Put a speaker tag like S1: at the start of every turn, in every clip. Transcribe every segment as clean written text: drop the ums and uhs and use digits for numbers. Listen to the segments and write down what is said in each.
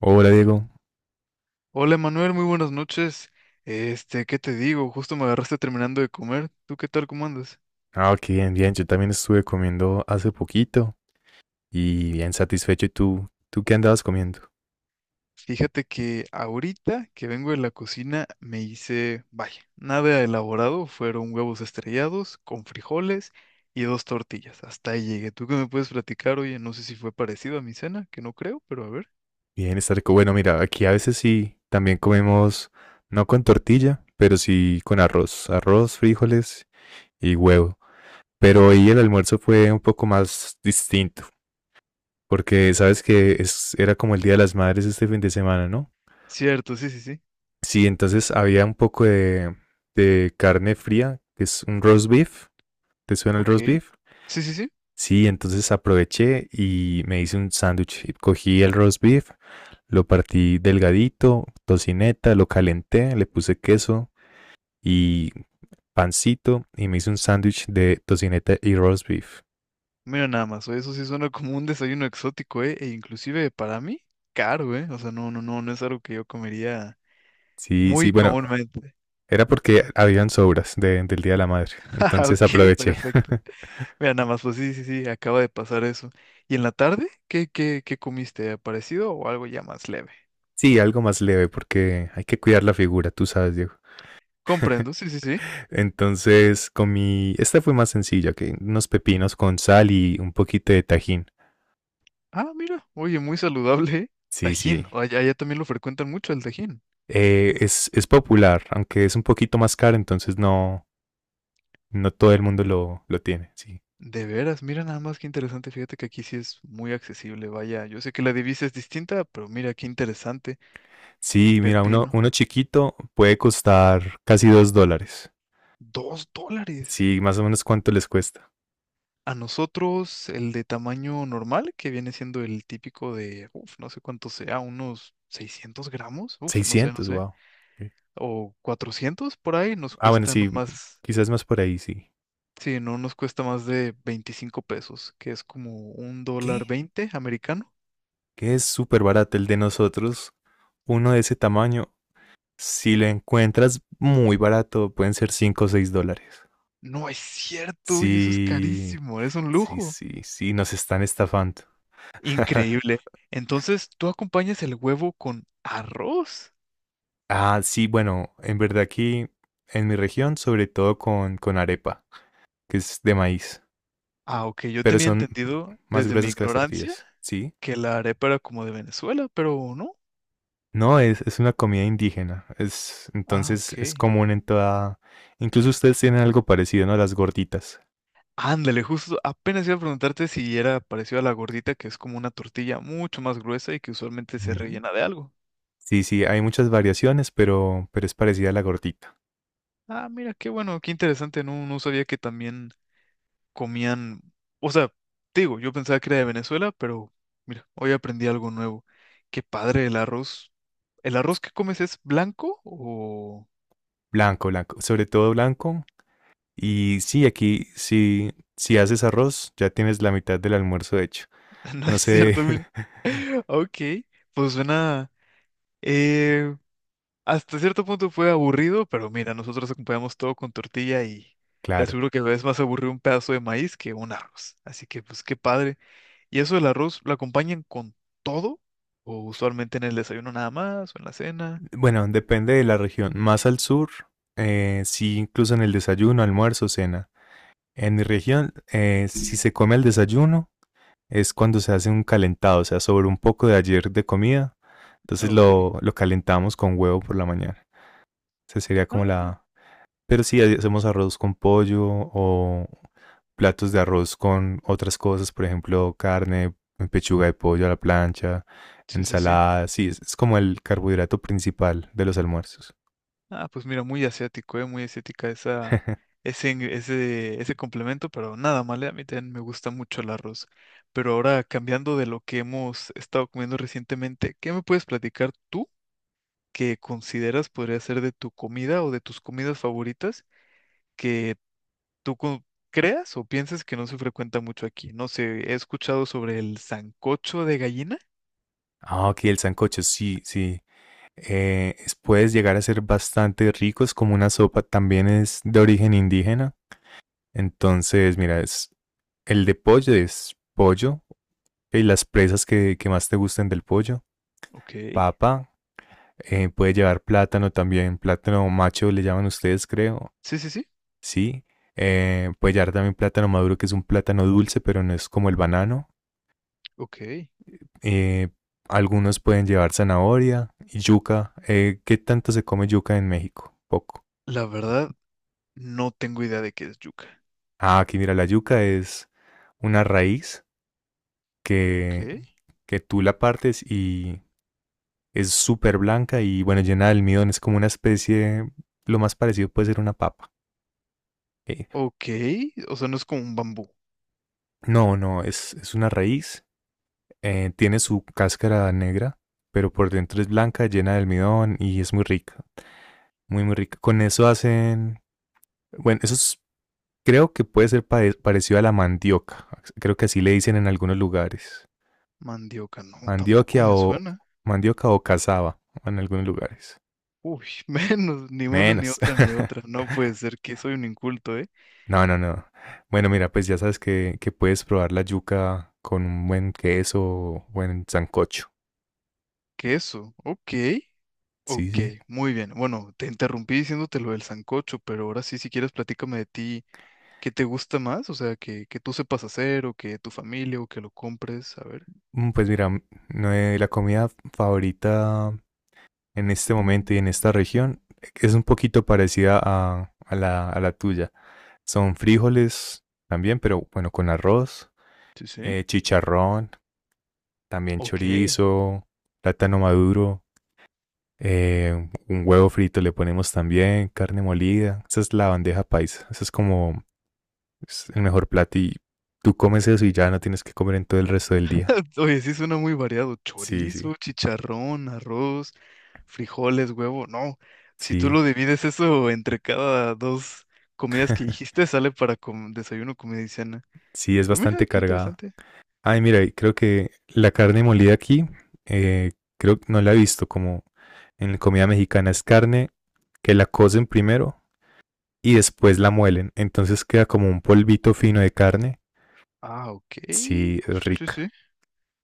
S1: Hola Diego.
S2: Hola Manuel, muy buenas noches. ¿Qué te digo? Justo me agarraste terminando de comer. ¿Tú qué tal, cómo andas?
S1: Ah, qué bien, bien. Yo también estuve comiendo hace poquito y bien satisfecho. ¿Y tú? ¿Tú qué andabas comiendo?
S2: Fíjate que ahorita que vengo de la cocina me hice, vaya, nada elaborado, fueron huevos estrellados con frijoles y dos tortillas. Hasta ahí llegué. ¿Tú qué me puedes platicar? Oye, no sé si fue parecido a mi cena, que no creo, pero a ver.
S1: Bien, está rico. Bueno, mira, aquí a veces sí, también comemos, no con tortilla, pero sí con arroz. Arroz, frijoles y huevo. Pero hoy el almuerzo fue un poco más distinto, porque sabes que era como el Día de las Madres este fin de semana, ¿no?
S2: Cierto, sí, sí, sí.
S1: Sí, entonces había un poco de carne fría, que es un roast beef. ¿Te suena el
S2: Ok.
S1: roast beef?
S2: Sí, sí, sí.
S1: Sí, entonces aproveché y me hice un sándwich. Cogí el roast beef, lo partí delgadito, tocineta, lo calenté, le puse queso y pancito y me hice un sándwich de tocineta y roast beef.
S2: Mira nada más, oye, eso sí suena como un desayuno exótico, ¿eh? E inclusive para mí, caro, ¿eh? O sea, no, no, no, no es algo que yo comería
S1: Sí, sí,
S2: muy
S1: bueno,
S2: comúnmente.
S1: era porque habían sobras del Día de la Madre,
S2: Ah,
S1: entonces
S2: ok,
S1: aproveché.
S2: perfecto. Mira, nada más, pues sí, sí, sí, acaba de pasar eso. ¿Y en la tarde? ¿Qué comiste? ¿Parecido o algo ya más leve?
S1: Sí, algo más leve porque hay que cuidar la figura, tú sabes, Diego.
S2: Comprendo, sí, sí, sí.
S1: Entonces comí, esta fue más sencilla, que unos pepinos con sal y un poquito de Tajín.
S2: Ah, mira, oye, muy saludable. ¿Eh?
S1: Sí,
S2: Tajín,
S1: sí.
S2: allá, allá también lo frecuentan mucho el tajín.
S1: Es popular, aunque es un poquito más caro, entonces no, no todo el mundo lo tiene. Sí.
S2: De veras, mira nada más qué interesante. Fíjate que aquí sí es muy accesible. Vaya, yo sé que la divisa es distinta, pero mira qué interesante.
S1: Sí, mira, uno,
S2: Pepino,
S1: uno chiquito puede costar casi $2.
S2: $2.
S1: Sí, más o menos cuánto les cuesta.
S2: A nosotros el de tamaño normal, que viene siendo el típico de, uf, no sé cuánto sea, unos 600 g, uf, no sé, no
S1: 600,
S2: sé,
S1: wow. Sí.
S2: o 400 por ahí, nos
S1: Ah, bueno,
S2: cuesta no
S1: sí,
S2: más,
S1: quizás más por ahí, sí.
S2: sí, no nos cuesta más de 25 pesos, que es como un dólar
S1: ¿Qué?
S2: veinte americano.
S1: Que es súper barato el de nosotros. Uno de ese tamaño, si lo encuentras muy barato, pueden ser 5 o 6 dólares.
S2: No es cierto, y eso es
S1: Sí,
S2: carísimo, es un
S1: sí,
S2: lujo.
S1: sí, sí, nos están estafando.
S2: Increíble. Entonces, ¿tú acompañas el huevo con arroz?
S1: Ah, sí, bueno, en verdad aquí en mi región, sobre todo con arepa, que es de maíz,
S2: Ah, ok, yo
S1: pero
S2: tenía
S1: son
S2: entendido
S1: más
S2: desde mi
S1: gruesas que las
S2: ignorancia
S1: tortillas, ¿sí?
S2: que la arepa era como de Venezuela, pero no.
S1: No, es una comida indígena,
S2: Ah,
S1: entonces
S2: ok.
S1: es común en toda. Incluso ustedes tienen algo parecido, ¿no? Las gorditas.
S2: Ándale, justo apenas iba a preguntarte si era parecido a la gordita, que es como una tortilla mucho más gruesa y que usualmente se
S1: Ujú.
S2: rellena de algo.
S1: Sí, sí, hay muchas variaciones, pero es parecida a la gordita.
S2: Ah, mira, qué bueno, qué interesante, no, no sabía que también comían, o sea, te digo, yo pensaba que era de Venezuela, pero mira, hoy aprendí algo nuevo. Qué padre el arroz. ¿El arroz que comes es blanco o
S1: Blanco, blanco, sobre todo blanco. Y sí, aquí, si haces arroz, ya tienes la mitad del almuerzo hecho.
S2: ¿no
S1: No
S2: es
S1: sé.
S2: cierto? Mira, ok, pues suena... Eh, Hasta cierto punto fue aburrido, pero mira, nosotros acompañamos todo con tortilla y te
S1: Claro.
S2: aseguro que es más aburrido un pedazo de maíz que un arroz. Así que pues qué padre. ¿Y eso del arroz lo acompañan con todo? ¿O usualmente en el desayuno nada más o en la cena?
S1: Bueno, depende de la región. Más al sur, sí, incluso en el desayuno, almuerzo, cena. En mi región, si se come al desayuno, es cuando se hace un calentado, o sea, sobre un poco de ayer de comida.
S2: Ah,
S1: Entonces
S2: ok.
S1: lo calentamos con huevo por la mañana. Esa sería como
S2: Ah, mira.
S1: la. Pero sí, hacemos arroz con pollo o platos de arroz con otras cosas, por ejemplo, carne, pechuga de pollo a la plancha,
S2: Sí, sí, sí.
S1: ensalada. Sí, es como el carbohidrato principal de los almuerzos.
S2: Ah, pues mira, muy asiático, muy asiática esa, ese complemento, pero nada mal, a mí también me gusta mucho el arroz. Pero ahora cambiando de lo que hemos estado comiendo recientemente, ¿qué me puedes platicar tú que consideras podría ser de tu comida o de tus comidas favoritas que tú creas o pienses que no se frecuenta mucho aquí? No sé, he escuchado sobre el sancocho de gallina.
S1: Ah, ok, el sancocho, sí, sí. Puedes llegar a ser bastante rico, es como una sopa, también es de origen indígena. Entonces, mira, el de pollo es pollo, y las presas que más te gusten del pollo,
S2: Ok,
S1: papa, puede llevar plátano también, plátano macho le llaman ustedes, creo,
S2: sí, sí, sí.
S1: sí. Puede llevar también plátano maduro, que es un plátano dulce, pero no es como el banano.
S2: Ok,
S1: eh, algunos pueden llevar zanahoria y yuca. ¿Qué tanto se come yuca en México? Poco.
S2: la verdad, no tengo idea de qué es yuca.
S1: Ah, aquí mira, la yuca es una raíz que,
S2: Ok.
S1: que tú la partes y es súper blanca y bueno, llena de almidón. Es como una especie, lo más parecido puede ser una papa. Eh,
S2: Ok, o sea, no es como un bambú.
S1: no, no, es una raíz. Tiene su cáscara negra, pero por dentro es blanca, llena de almidón y es muy rica. Muy, muy rica. Con eso hacen, bueno, eso es. Creo que puede ser parecido a la mandioca. Creo que así le dicen en algunos lugares.
S2: Mandioca, no, tampoco
S1: Mandioca
S2: me
S1: o
S2: suena.
S1: mandioca o cazaba en algunos lugares.
S2: Uy, menos, ni uno ni
S1: Menos.
S2: otra, ni otra. No puede ser que soy un inculto, ¿eh?
S1: No, no, no. Bueno, mira, pues ya sabes que puedes probar la yuca con un buen queso o buen sancocho.
S2: Queso, ok.
S1: Sí,
S2: Ok,
S1: sí.
S2: muy bien. Bueno, te interrumpí diciéndote lo del sancocho, pero ahora sí, si quieres, platícame de ti. ¿Qué te gusta más? O sea, que tú sepas hacer o que tu familia o que lo compres. A ver.
S1: Pues mira, no, la comida favorita en este momento y en esta región es un poquito parecida a la tuya. Son frijoles también, pero bueno, con arroz,
S2: Sí, sí.
S1: chicharrón, también
S2: Ok.
S1: chorizo, plátano maduro, un huevo frito le ponemos también, carne molida. Esa es la bandeja paisa. Esa es como es el mejor plato y tú comes eso y ya no tienes que comer en todo el resto del día.
S2: Oye, sí suena muy variado.
S1: Sí, sí,
S2: Chorizo, chicharrón, arroz, frijoles, huevo. No, si tú
S1: sí.
S2: lo divides eso entre cada dos comidas que dijiste, sale para desayuno, comida y cena.
S1: Sí, es
S2: Pero mira,
S1: bastante
S2: qué
S1: cargada.
S2: interesante.
S1: Ay, mira, y creo que la carne molida aquí, eh, creo que no la he visto como en la comida mexicana. Es carne que la cocen primero y después la muelen. Entonces queda como un polvito fino de carne.
S2: Ah, ok.
S1: Sí, es
S2: Sí, sí, sí.
S1: rica,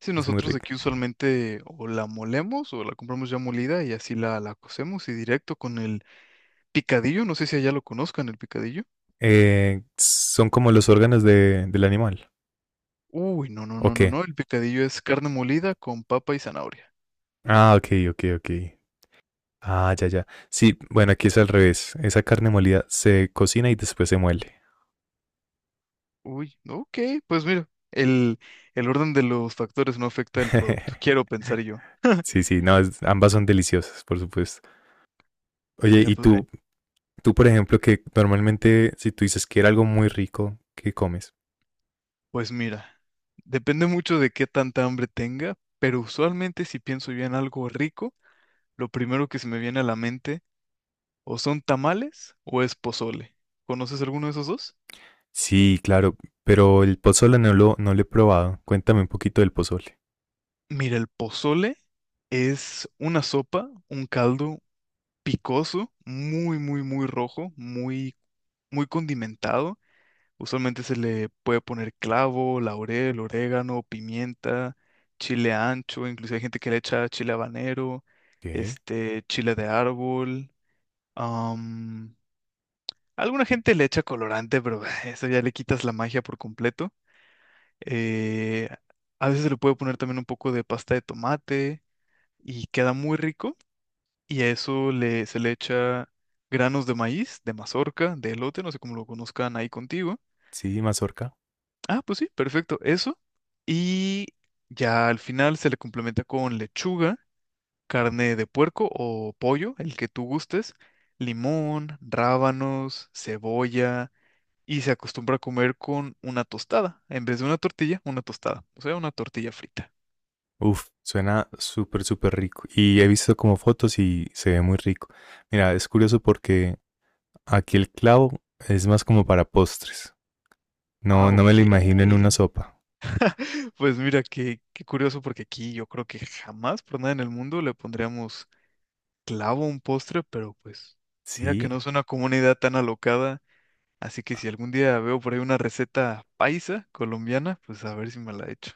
S2: Si
S1: es muy
S2: nosotros
S1: rica.
S2: aquí usualmente o la molemos o la compramos ya molida y así la cocemos y directo con el picadillo, no sé si allá lo conozcan, el picadillo.
S1: Son como los órganos del animal.
S2: Uy, no, no,
S1: ¿O
S2: no, no,
S1: qué?
S2: no, el picadillo es carne molida con papa y zanahoria.
S1: Ah, ok, ok, ok. Ah, ya, ya. Sí, bueno, aquí es al revés. Esa carne molida se cocina y después se muele.
S2: Uy, ok, pues mira, el orden de los factores no afecta el producto, quiero pensar yo.
S1: Sí, sí, no, ambas son deliciosas, por supuesto. Oye,
S2: Mira,
S1: y
S2: pues,
S1: tú, por ejemplo, que normalmente si tú dices que era algo muy rico, ¿qué comes?
S2: pues mira, depende mucho de qué tanta hambre tenga, pero usualmente si pienso yo en algo rico, lo primero que se me viene a la mente o son tamales o es pozole. ¿Conoces alguno de esos dos?
S1: Sí, claro, pero el pozole no lo he probado. Cuéntame un poquito del pozole.
S2: Mira, el pozole es una sopa, un caldo picoso, muy, muy, muy rojo, muy, muy condimentado. Usualmente se le puede poner clavo, laurel, orégano, pimienta, chile ancho, inclusive hay gente que le echa chile habanero,
S1: Ok,
S2: chile de árbol. am, Alguna gente le echa colorante, pero eso ya le quitas la magia por completo. Eh, a veces se le puede poner también un poco de pasta de tomate y queda muy rico. Y a eso se le echa granos de maíz, de mazorca, de elote, no sé cómo lo conozcan ahí contigo.
S1: sí, mazorca.
S2: Ah, pues sí, perfecto, eso. Y ya al final se le complementa con lechuga, carne de puerco o pollo, el que tú gustes, limón, rábanos, cebolla. Y se acostumbra a comer con una tostada, en vez de una tortilla, una tostada, o sea, una tortilla frita.
S1: Uf, suena súper, súper rico. Y he visto como fotos y se ve muy rico. Mira, es curioso porque aquí el clavo es más como para postres.
S2: Ah,
S1: No, no me
S2: ok.
S1: lo imagino en una sopa.
S2: Pues mira, qué curioso porque aquí yo creo que jamás por nada en el mundo le pondríamos clavo a un postre, pero pues mira que
S1: Sí,
S2: no es una comunidad tan alocada, así que si algún día veo por ahí una receta paisa colombiana, pues a ver si me la echo.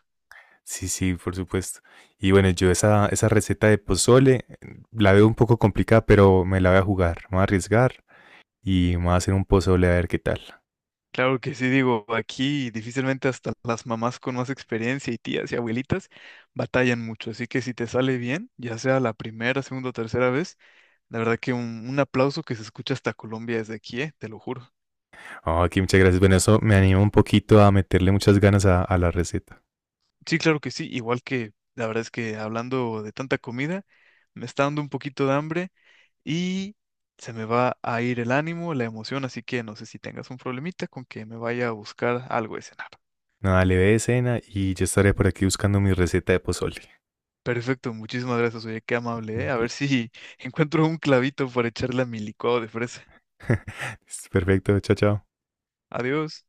S1: sí, sí, por supuesto. Y bueno, yo esa receta de pozole la veo un poco complicada, pero me la voy a jugar. Me voy a arriesgar y me voy a hacer un pozole a ver qué tal.
S2: Claro que sí, digo, aquí difícilmente hasta las mamás con más experiencia y tías y abuelitas batallan mucho, así que si te sale bien, ya sea la primera, segunda o tercera vez, la verdad que un aplauso que se escucha hasta Colombia desde aquí, te lo juro.
S1: Oh, aquí muchas gracias. Bueno, eso me anima un poquito a meterle muchas ganas a la receta.
S2: Sí, claro que sí, igual que la verdad es que hablando de tanta comida, me está dando un poquito de hambre y se me va a ir el ánimo, la emoción, así que no sé si tengas un problemita con que me vaya a buscar algo de cenar.
S1: Nada, le ve de cena y yo estaré por aquí buscando mi receta de pozole.
S2: Perfecto, muchísimas gracias, oye, qué amable, ¿eh? A ver si encuentro un clavito para echarle a mi licuado de fresa.
S1: Perfecto, chao, chao.
S2: Adiós.